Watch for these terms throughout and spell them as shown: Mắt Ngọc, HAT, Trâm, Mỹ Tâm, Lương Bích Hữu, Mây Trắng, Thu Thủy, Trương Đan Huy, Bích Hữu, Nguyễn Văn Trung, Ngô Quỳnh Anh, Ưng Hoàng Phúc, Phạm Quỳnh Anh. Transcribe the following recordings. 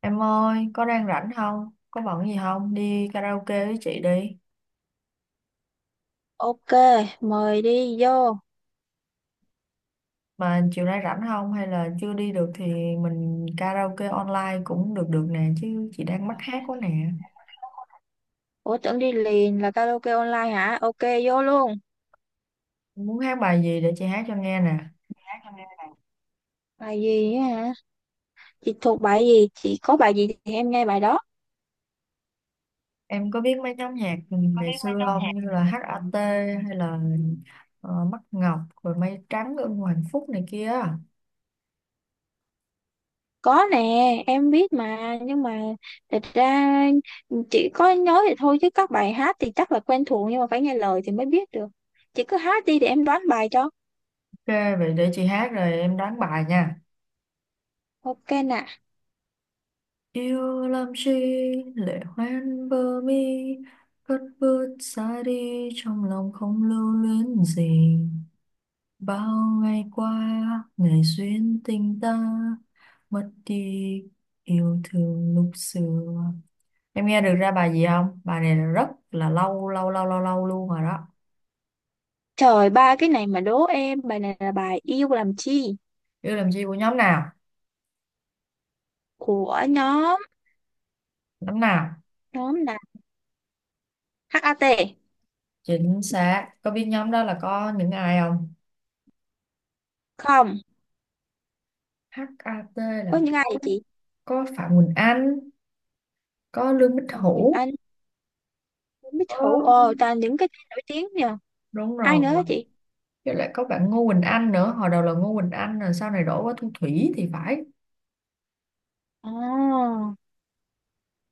Em ơi, có đang rảnh không? Có bận gì không? Đi karaoke với chị đi. Ok, mời đi vô. Mà chiều nay rảnh không? Hay là chưa đi được thì mình karaoke online cũng được được nè. Chứ chị đang mắc hát quá nè. Ủa tưởng đi liền là karaoke online hả? Ok, vô luôn. Muốn hát bài gì để chị hát cho nghe nè. Bài gì á hả? Chị thuộc bài gì? Chị có bài gì thì em nghe bài đó. Em có biết mấy nhóm nhạc Có ngày biết mấy xưa nhóm nhạc. không? Như là HAT hay là Mắt Ngọc, rồi Mây Trắng, Ưng Hoàng Phúc này kia. Ok, Có nè, em biết mà. Nhưng mà thật ra chỉ có nói thì thôi chứ các bài hát thì chắc là quen thuộc nhưng mà phải nghe lời thì mới biết được. Chị cứ hát đi để em đoán bài cho. vậy để chị hát rồi em đoán bài nha. Ok nè. Yêu làm chi, lệ hoen bờ mi, cất bước xa đi, trong lòng không lưu luyến gì, bao ngày qua ngày duyên tình ta mất đi, yêu thương lúc xưa. Em nghe được ra bài gì không? Bài này là rất là lâu lâu lâu lâu lâu luôn rồi đó. Trời, ba cái này mà đố em. Bài này là bài Yêu Làm Chi Yêu làm chi của nhóm nào? của nhóm Nhóm nào? nhóm là HAT. Chính xác. Có biết nhóm đó là có những ai không? Không. Hát HAT là Có những ai có vậy chị? có Phạm Quỳnh Anh, có Lương Bích Phạm Quỳnh Hữu. Anh, Bích Ờ, Hữu, ồ toàn những cái tên nổi tiếng nhờ. đúng Ai nữa hả rồi, chị? với lại có bạn Ngô Quỳnh Anh nữa, hồi đầu là Ngô Quỳnh Anh rồi sau này đổi qua Thu Thủy thì phải. Ồ,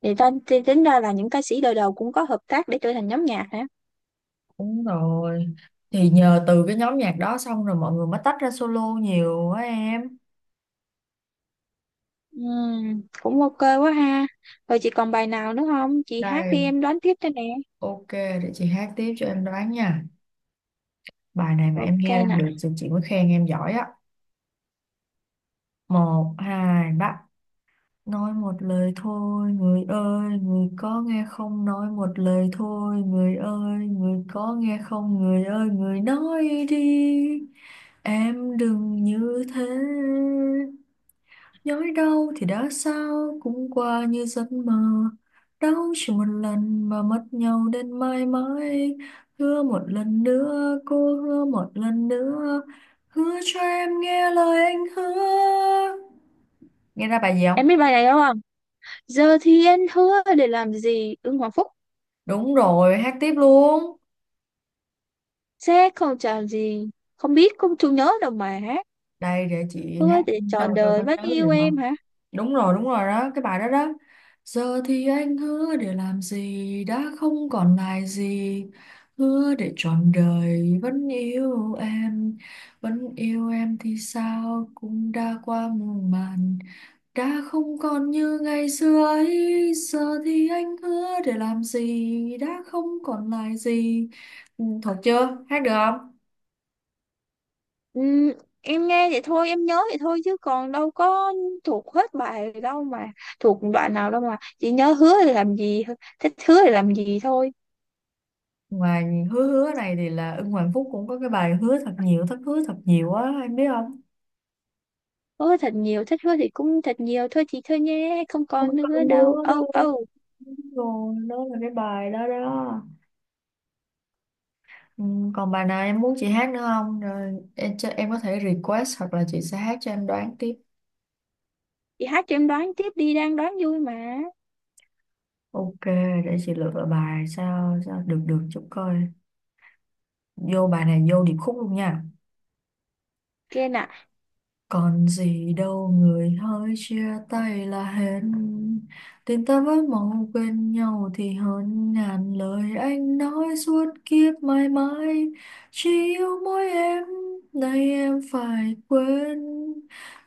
thì tính ra là những ca sĩ đời đầu cũng có hợp tác để trở thành nhóm nhạc hả. Đúng rồi, thì nhờ từ cái nhóm nhạc đó xong rồi mọi người mới tách ra solo nhiều á em. Cũng ok quá ha. Rồi chị còn bài nào nữa không, chị hát đi Đây, em đoán tiếp cho nè. ok, để chị hát tiếp cho em đoán nha. Bài này mà em Ok nghe ra nè. được thì chị mới khen em giỏi á. Một hai ba. Nói một lời thôi, người ơi, người có nghe không? Nói một lời thôi, người ơi, người có nghe không? Người ơi, người nói đi, em đừng như thế. Nhói đau thì đã sao, cũng qua như giấc mơ. Đau chỉ một lần mà mất nhau đến mãi mãi. Hứa một lần nữa, cô hứa một lần nữa. Hứa cho em nghe lời anh hứa. Nghe ra bài gì không? Em biết bài này đúng không? Giờ thì anh hứa để làm gì, Ưng Hoàng Phúc. Đúng rồi, hát tiếp luôn. Sẽ không chọn gì, không biết không chú nhớ đâu mà hát. Đây để chị Hứa hát để cho trọn coi đời có vẫn nhớ yêu gì em không. hả? Đúng rồi đó, cái bài đó đó. Giờ thì anh hứa để làm gì, đã không còn lại gì. Hứa để trọn đời vẫn yêu em. Vẫn yêu em thì sao, cũng đã qua muôn màn. Đã không còn như ngày xưa ấy, giờ thì anh hứa để làm gì, đã không còn lại gì. Ừ, thuộc chưa? Hát được không? Ừ, em nghe vậy thôi em nhớ vậy thôi chứ còn đâu có thuộc hết bài đâu mà, thuộc đoạn nào đâu mà chỉ nhớ hứa thì làm gì, thích hứa thì làm gì thôi. Ngoài hứa hứa này thì là Ưng Hoàng Phúc cũng có cái bài hứa thật nhiều, thất hứa thật nhiều á, em biết không? Hứa thật nhiều, thích hứa thì cũng thật nhiều thôi chị, thôi nhé không Không còn có nữa đâu hứa âu đâu. âu. Đúng rồi, đó là cái bài đó đó. Ừ, còn bài nào em muốn chị hát nữa không? Rồi em, cho, em có thể request hoặc là chị sẽ hát cho em đoán tiếp. Chị hát cho em đoán tiếp đi, đang đoán vui mà. Ok, để chị lựa bài sao sao được được chút coi. Vô bài này vô điệp khúc luôn nha. Kia nè. Còn gì đâu người hỡi, chia tay là hết. Tình ta với mong quên nhau thì hơn ngàn lời anh nói suốt kiếp mãi mãi. Chỉ yêu mỗi em, nay em phải quên.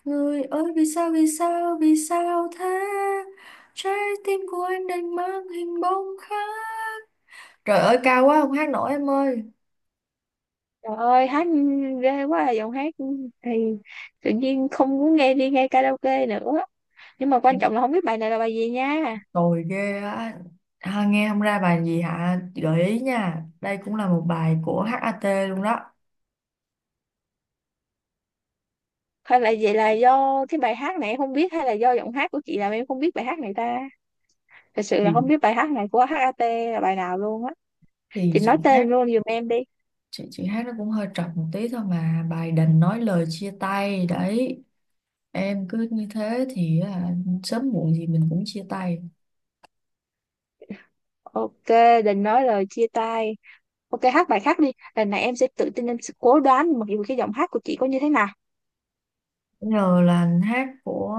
Người ơi vì sao, vì sao, vì sao thế? Trái tim của anh đành mang hình bóng khác. Trời ơi cao quá không hát nổi em ơi. Trời ơi hát ghê quá à, giọng hát thì tự nhiên không muốn nghe đi nghe karaoke nữa, nhưng mà quan trọng là không biết bài này là bài gì nha. Tồi ghê á ha, nghe không ra bài gì hả? Chị gợi ý nha, đây cũng là một bài của HAT luôn đó. Hay là vậy, là do cái bài hát này em không biết hay là do giọng hát của chị làm em không biết bài hát này ta. Thật sự là thì không biết bài hát này của HAT là bài nào luôn á, thì chị chị nói hát, tên luôn giùm em đi. chị hát nó cũng hơi trật một tí thôi, mà bài Đành nói lời chia tay đấy. Em cứ như thế thì sớm muộn gì mình cũng chia tay. Ok, đừng nói lời chia tay. Ok hát bài khác đi, lần này em sẽ tự tin, em sẽ cố đoán mặc dù cái giọng hát của chị có như thế nào. Bây giờ là hát của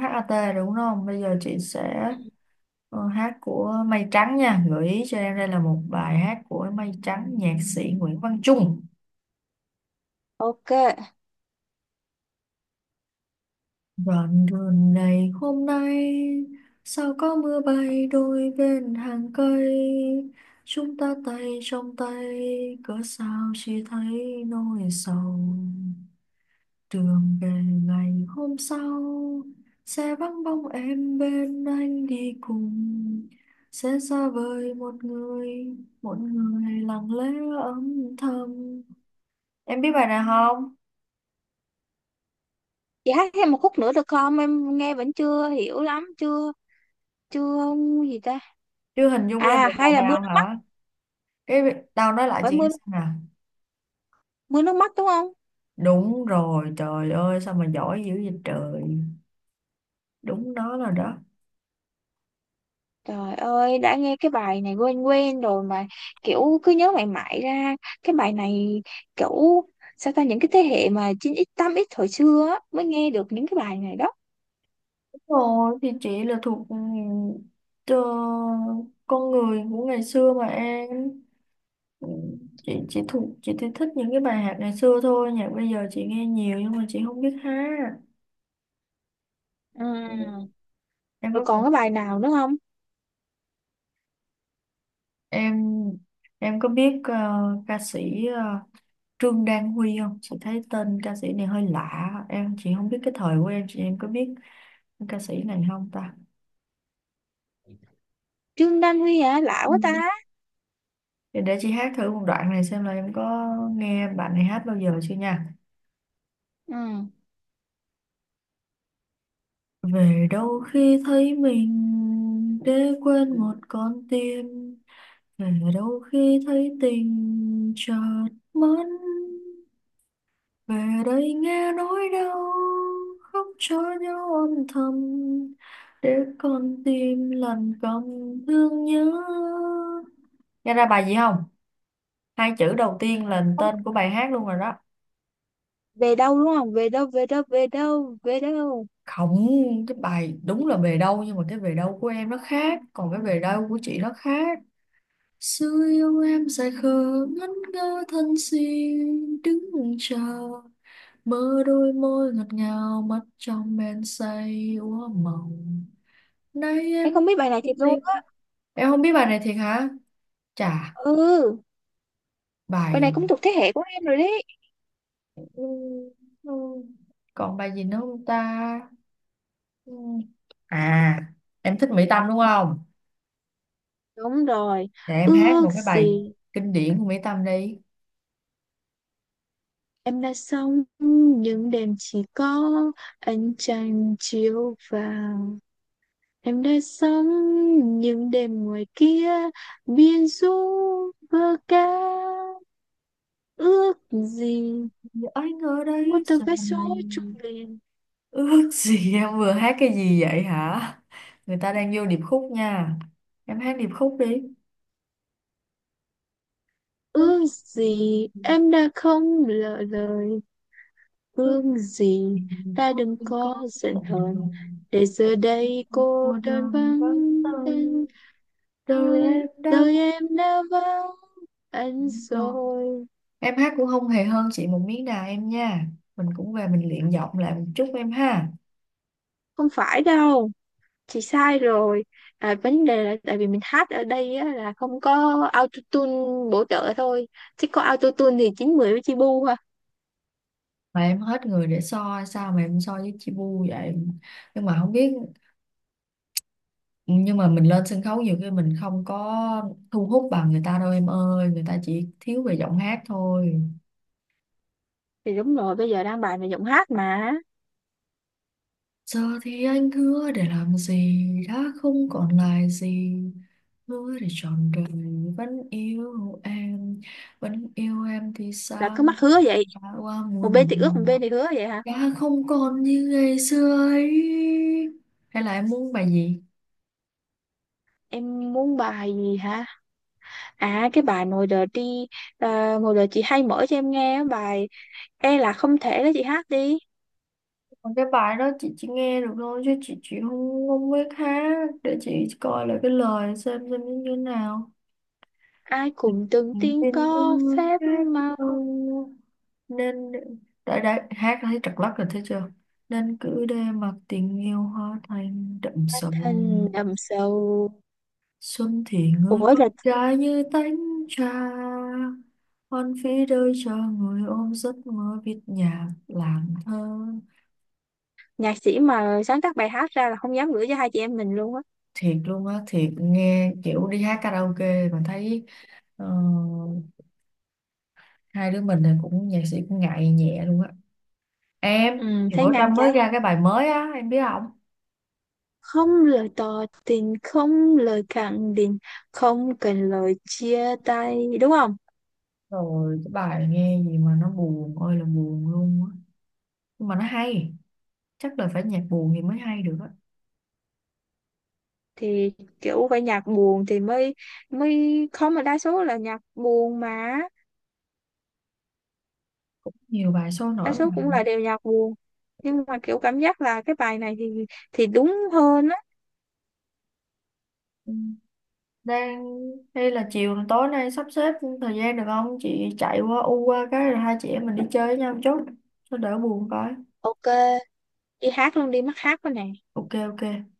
HAT đúng không, bây giờ chị sẽ hát của Mây Trắng nha. Gợi ý cho em, đây là một bài hát của Mây Trắng, nhạc sĩ Nguyễn Văn Trung. Ok Đoạn đường này hôm nay sao có mưa bay, đôi bên hàng cây chúng ta tay trong tay, cớ sao chỉ thấy nỗi sầu. Đường về ngày hôm sau sẽ vắng bóng em bên anh đi cùng, sẽ xa vời một người, một người lặng lẽ âm thầm. Em biết bài này không? chị hát thêm một khúc nữa được không, em nghe vẫn chưa hiểu lắm. Chưa chưa gì ta. Chưa hình dung ra À được bài hay là Mưa nào Nước Mắt? hả? Cái tao nói lại Phải chị Mưa, nghe xem nè. Mưa Nước Mắt đúng không? Đúng rồi, trời ơi sao mà giỏi dữ vậy trời. Đúng đó là đó. Trời ơi, đã nghe cái bài này quen quen rồi mà kiểu cứ nhớ mãi mãi ra cái bài này, kiểu sao ta, những cái thế hệ mà 9x 8x hồi xưa á, mới nghe được những cái bài này đó. Đúng rồi, thì chị là thuộc, ờ, con người của ngày xưa mà em. Ừ, chị thuộc, chị thì thích những cái bài hát ngày xưa thôi, nhạc bây giờ chị nghe nhiều nhưng mà chị không biết hát. Ừ, Ừ, Em rồi có còn học- cái bài nào nữa không? em có biết ca sĩ Trương Đan Huy không? Chị thấy tên ca sĩ này hơi lạ. Em chị không biết, cái thời của em, chị em có biết ca sĩ này không ta? Trương Đan Huy hả? Lạ Ừ. quá ta. Để chị hát thử một đoạn này xem là em có nghe bạn này hát bao giờ chưa nha. Ừ. Về đâu khi thấy mình để quên một con tim. Về đâu khi thấy tình chợt mất. Về đây nghe nỗi đau khóc cho nhau âm thầm. Để con tim lần cầm thương nhớ. Nghe ra bài gì không? Hai chữ đầu tiên là Không, tên của bài hát luôn rồi đó. Về Đâu đúng không? Về đâu, về đâu, về đâu, về đâu. Không, cái bài đúng là Về đâu, nhưng mà cái Về đâu của em nó khác, còn cái Về đâu của chị nó khác. Xưa yêu em say khờ ngẩn ngơ thân xin đứng chờ, mơ đôi môi ngọt ngào mắt trong men say úa mộng, nay em Em không biết bài này thiệt tình. luôn á. Em không biết bài này thiệt hả? Chà, Ừ, bài bài. này cũng thuộc thế hệ của em rồi đấy. Ừ, ừ. Còn bài gì nữa không ta? Ừ. À, em thích Mỹ Tâm đúng không? Đúng rồi. Để em hát một Ước cái bài gì kinh điển của Mỹ Tâm đi. em đã sống những đêm chỉ có ánh trăng chiếu vào. Em đã sống những đêm ngoài kia biên du vơ ca. Ước gì Giờ anh ở một đây tờ giờ vé này. số trùng liền. Ước gì em vừa hát cái gì vậy hả? Người ta đang vô điệp khúc nha. Em hát điệp khúc đi. Ước Ước gì gì, em đã không lỡ lời. ước Ước gì gì ta có, đừng không có có giận giờ hờn. này Để giờ để đây em cô cô đơn đơn vắng vắng tên, tay, đời đời, em đã đời vắng em đã vắng anh rồi. rồi. Em hát cũng không hề hơn chị một miếng nào em nha. Mình cũng về mình luyện giọng lại một chút em ha. Không phải đâu chị, sai rồi. À, vấn đề là tại vì mình hát ở đây á, là không có autotune bổ trợ thôi, chứ có autotune thì chín mười với chi bu ha. Mà em hết người để so sao mà em so với chị Bu vậy? Nhưng mà không biết, nhưng mà mình lên sân khấu nhiều khi mình không có thu hút bằng người ta đâu em ơi, người ta chỉ thiếu về giọng hát thôi. Thì đúng rồi, bây giờ đang bài về giọng hát mà. Giờ thì anh hứa để làm gì, đã không còn lại gì. Hứa để trọn đời vẫn yêu em, vẫn yêu em thì Là sao, cứ mắc hứa vậy, đã qua một bên muôn thì ước một màng, bên thì hứa vậy hả. đã không còn như ngày xưa ấy. Hay là em muốn bài gì? Em muốn bài gì hả? À cái bài Ngồi Đợi đi. À, Ngồi Đợi chị hay mở cho em nghe á, bài e là không thể đó, chị hát đi. Còn cái bài đó chị chỉ nghe được thôi chứ chị không không biết hát, để chị coi lại cái lời xem nó như thế nào. Ai cũng từng Ừ, tiên nên có có phép hát màu, ờ, nên đã hát thấy trật lắc rồi thấy chưa. Nên cứ để mặc tình yêu hoa thành đậm hóa sầu, thành đầm sầu. xuân thì người Ủa con là gái như tánh trà, hoan phí đời chờ người ôm giấc mơ viết nhạc làng thơ. nhạc sĩ mà sáng tác bài hát ra là không dám gửi cho hai chị em mình luôn á. Thiệt luôn á, thiệt, nghe kiểu đi hát karaoke mà thấy ờ, hai đứa mình thì cũng nhạc sĩ cũng ngại nhẹ luôn á. Ừ, Em thì thấy bữa ngang Trâm mới trái, ra cái bài mới á em biết không? không lời tỏ tình, không lời khẳng định, không cần lời chia tay đúng không. Rồi cái bài nghe gì mà nó buồn ơi là buồn luôn á, nhưng mà nó hay. Chắc là phải nhạc buồn thì mới hay được á, thì Kiểu phải nhạc buồn thì mới mới không, mà đa số là nhạc buồn mà. nhiều bài sôi Đa nổi số mà. cũng là đều nhạc buồn, nhưng mà kiểu cảm giác là cái bài này thì đúng hơn á. Ừ. Đang, hay là chiều tối nay sắp xếp thời gian được không, chị chạy qua u qua cái rồi hai chị em mình đi chơi với nhau một chút cho đỡ buồn coi. Ok đi hát luôn đi, mắc hát quá nè. Ok, ok.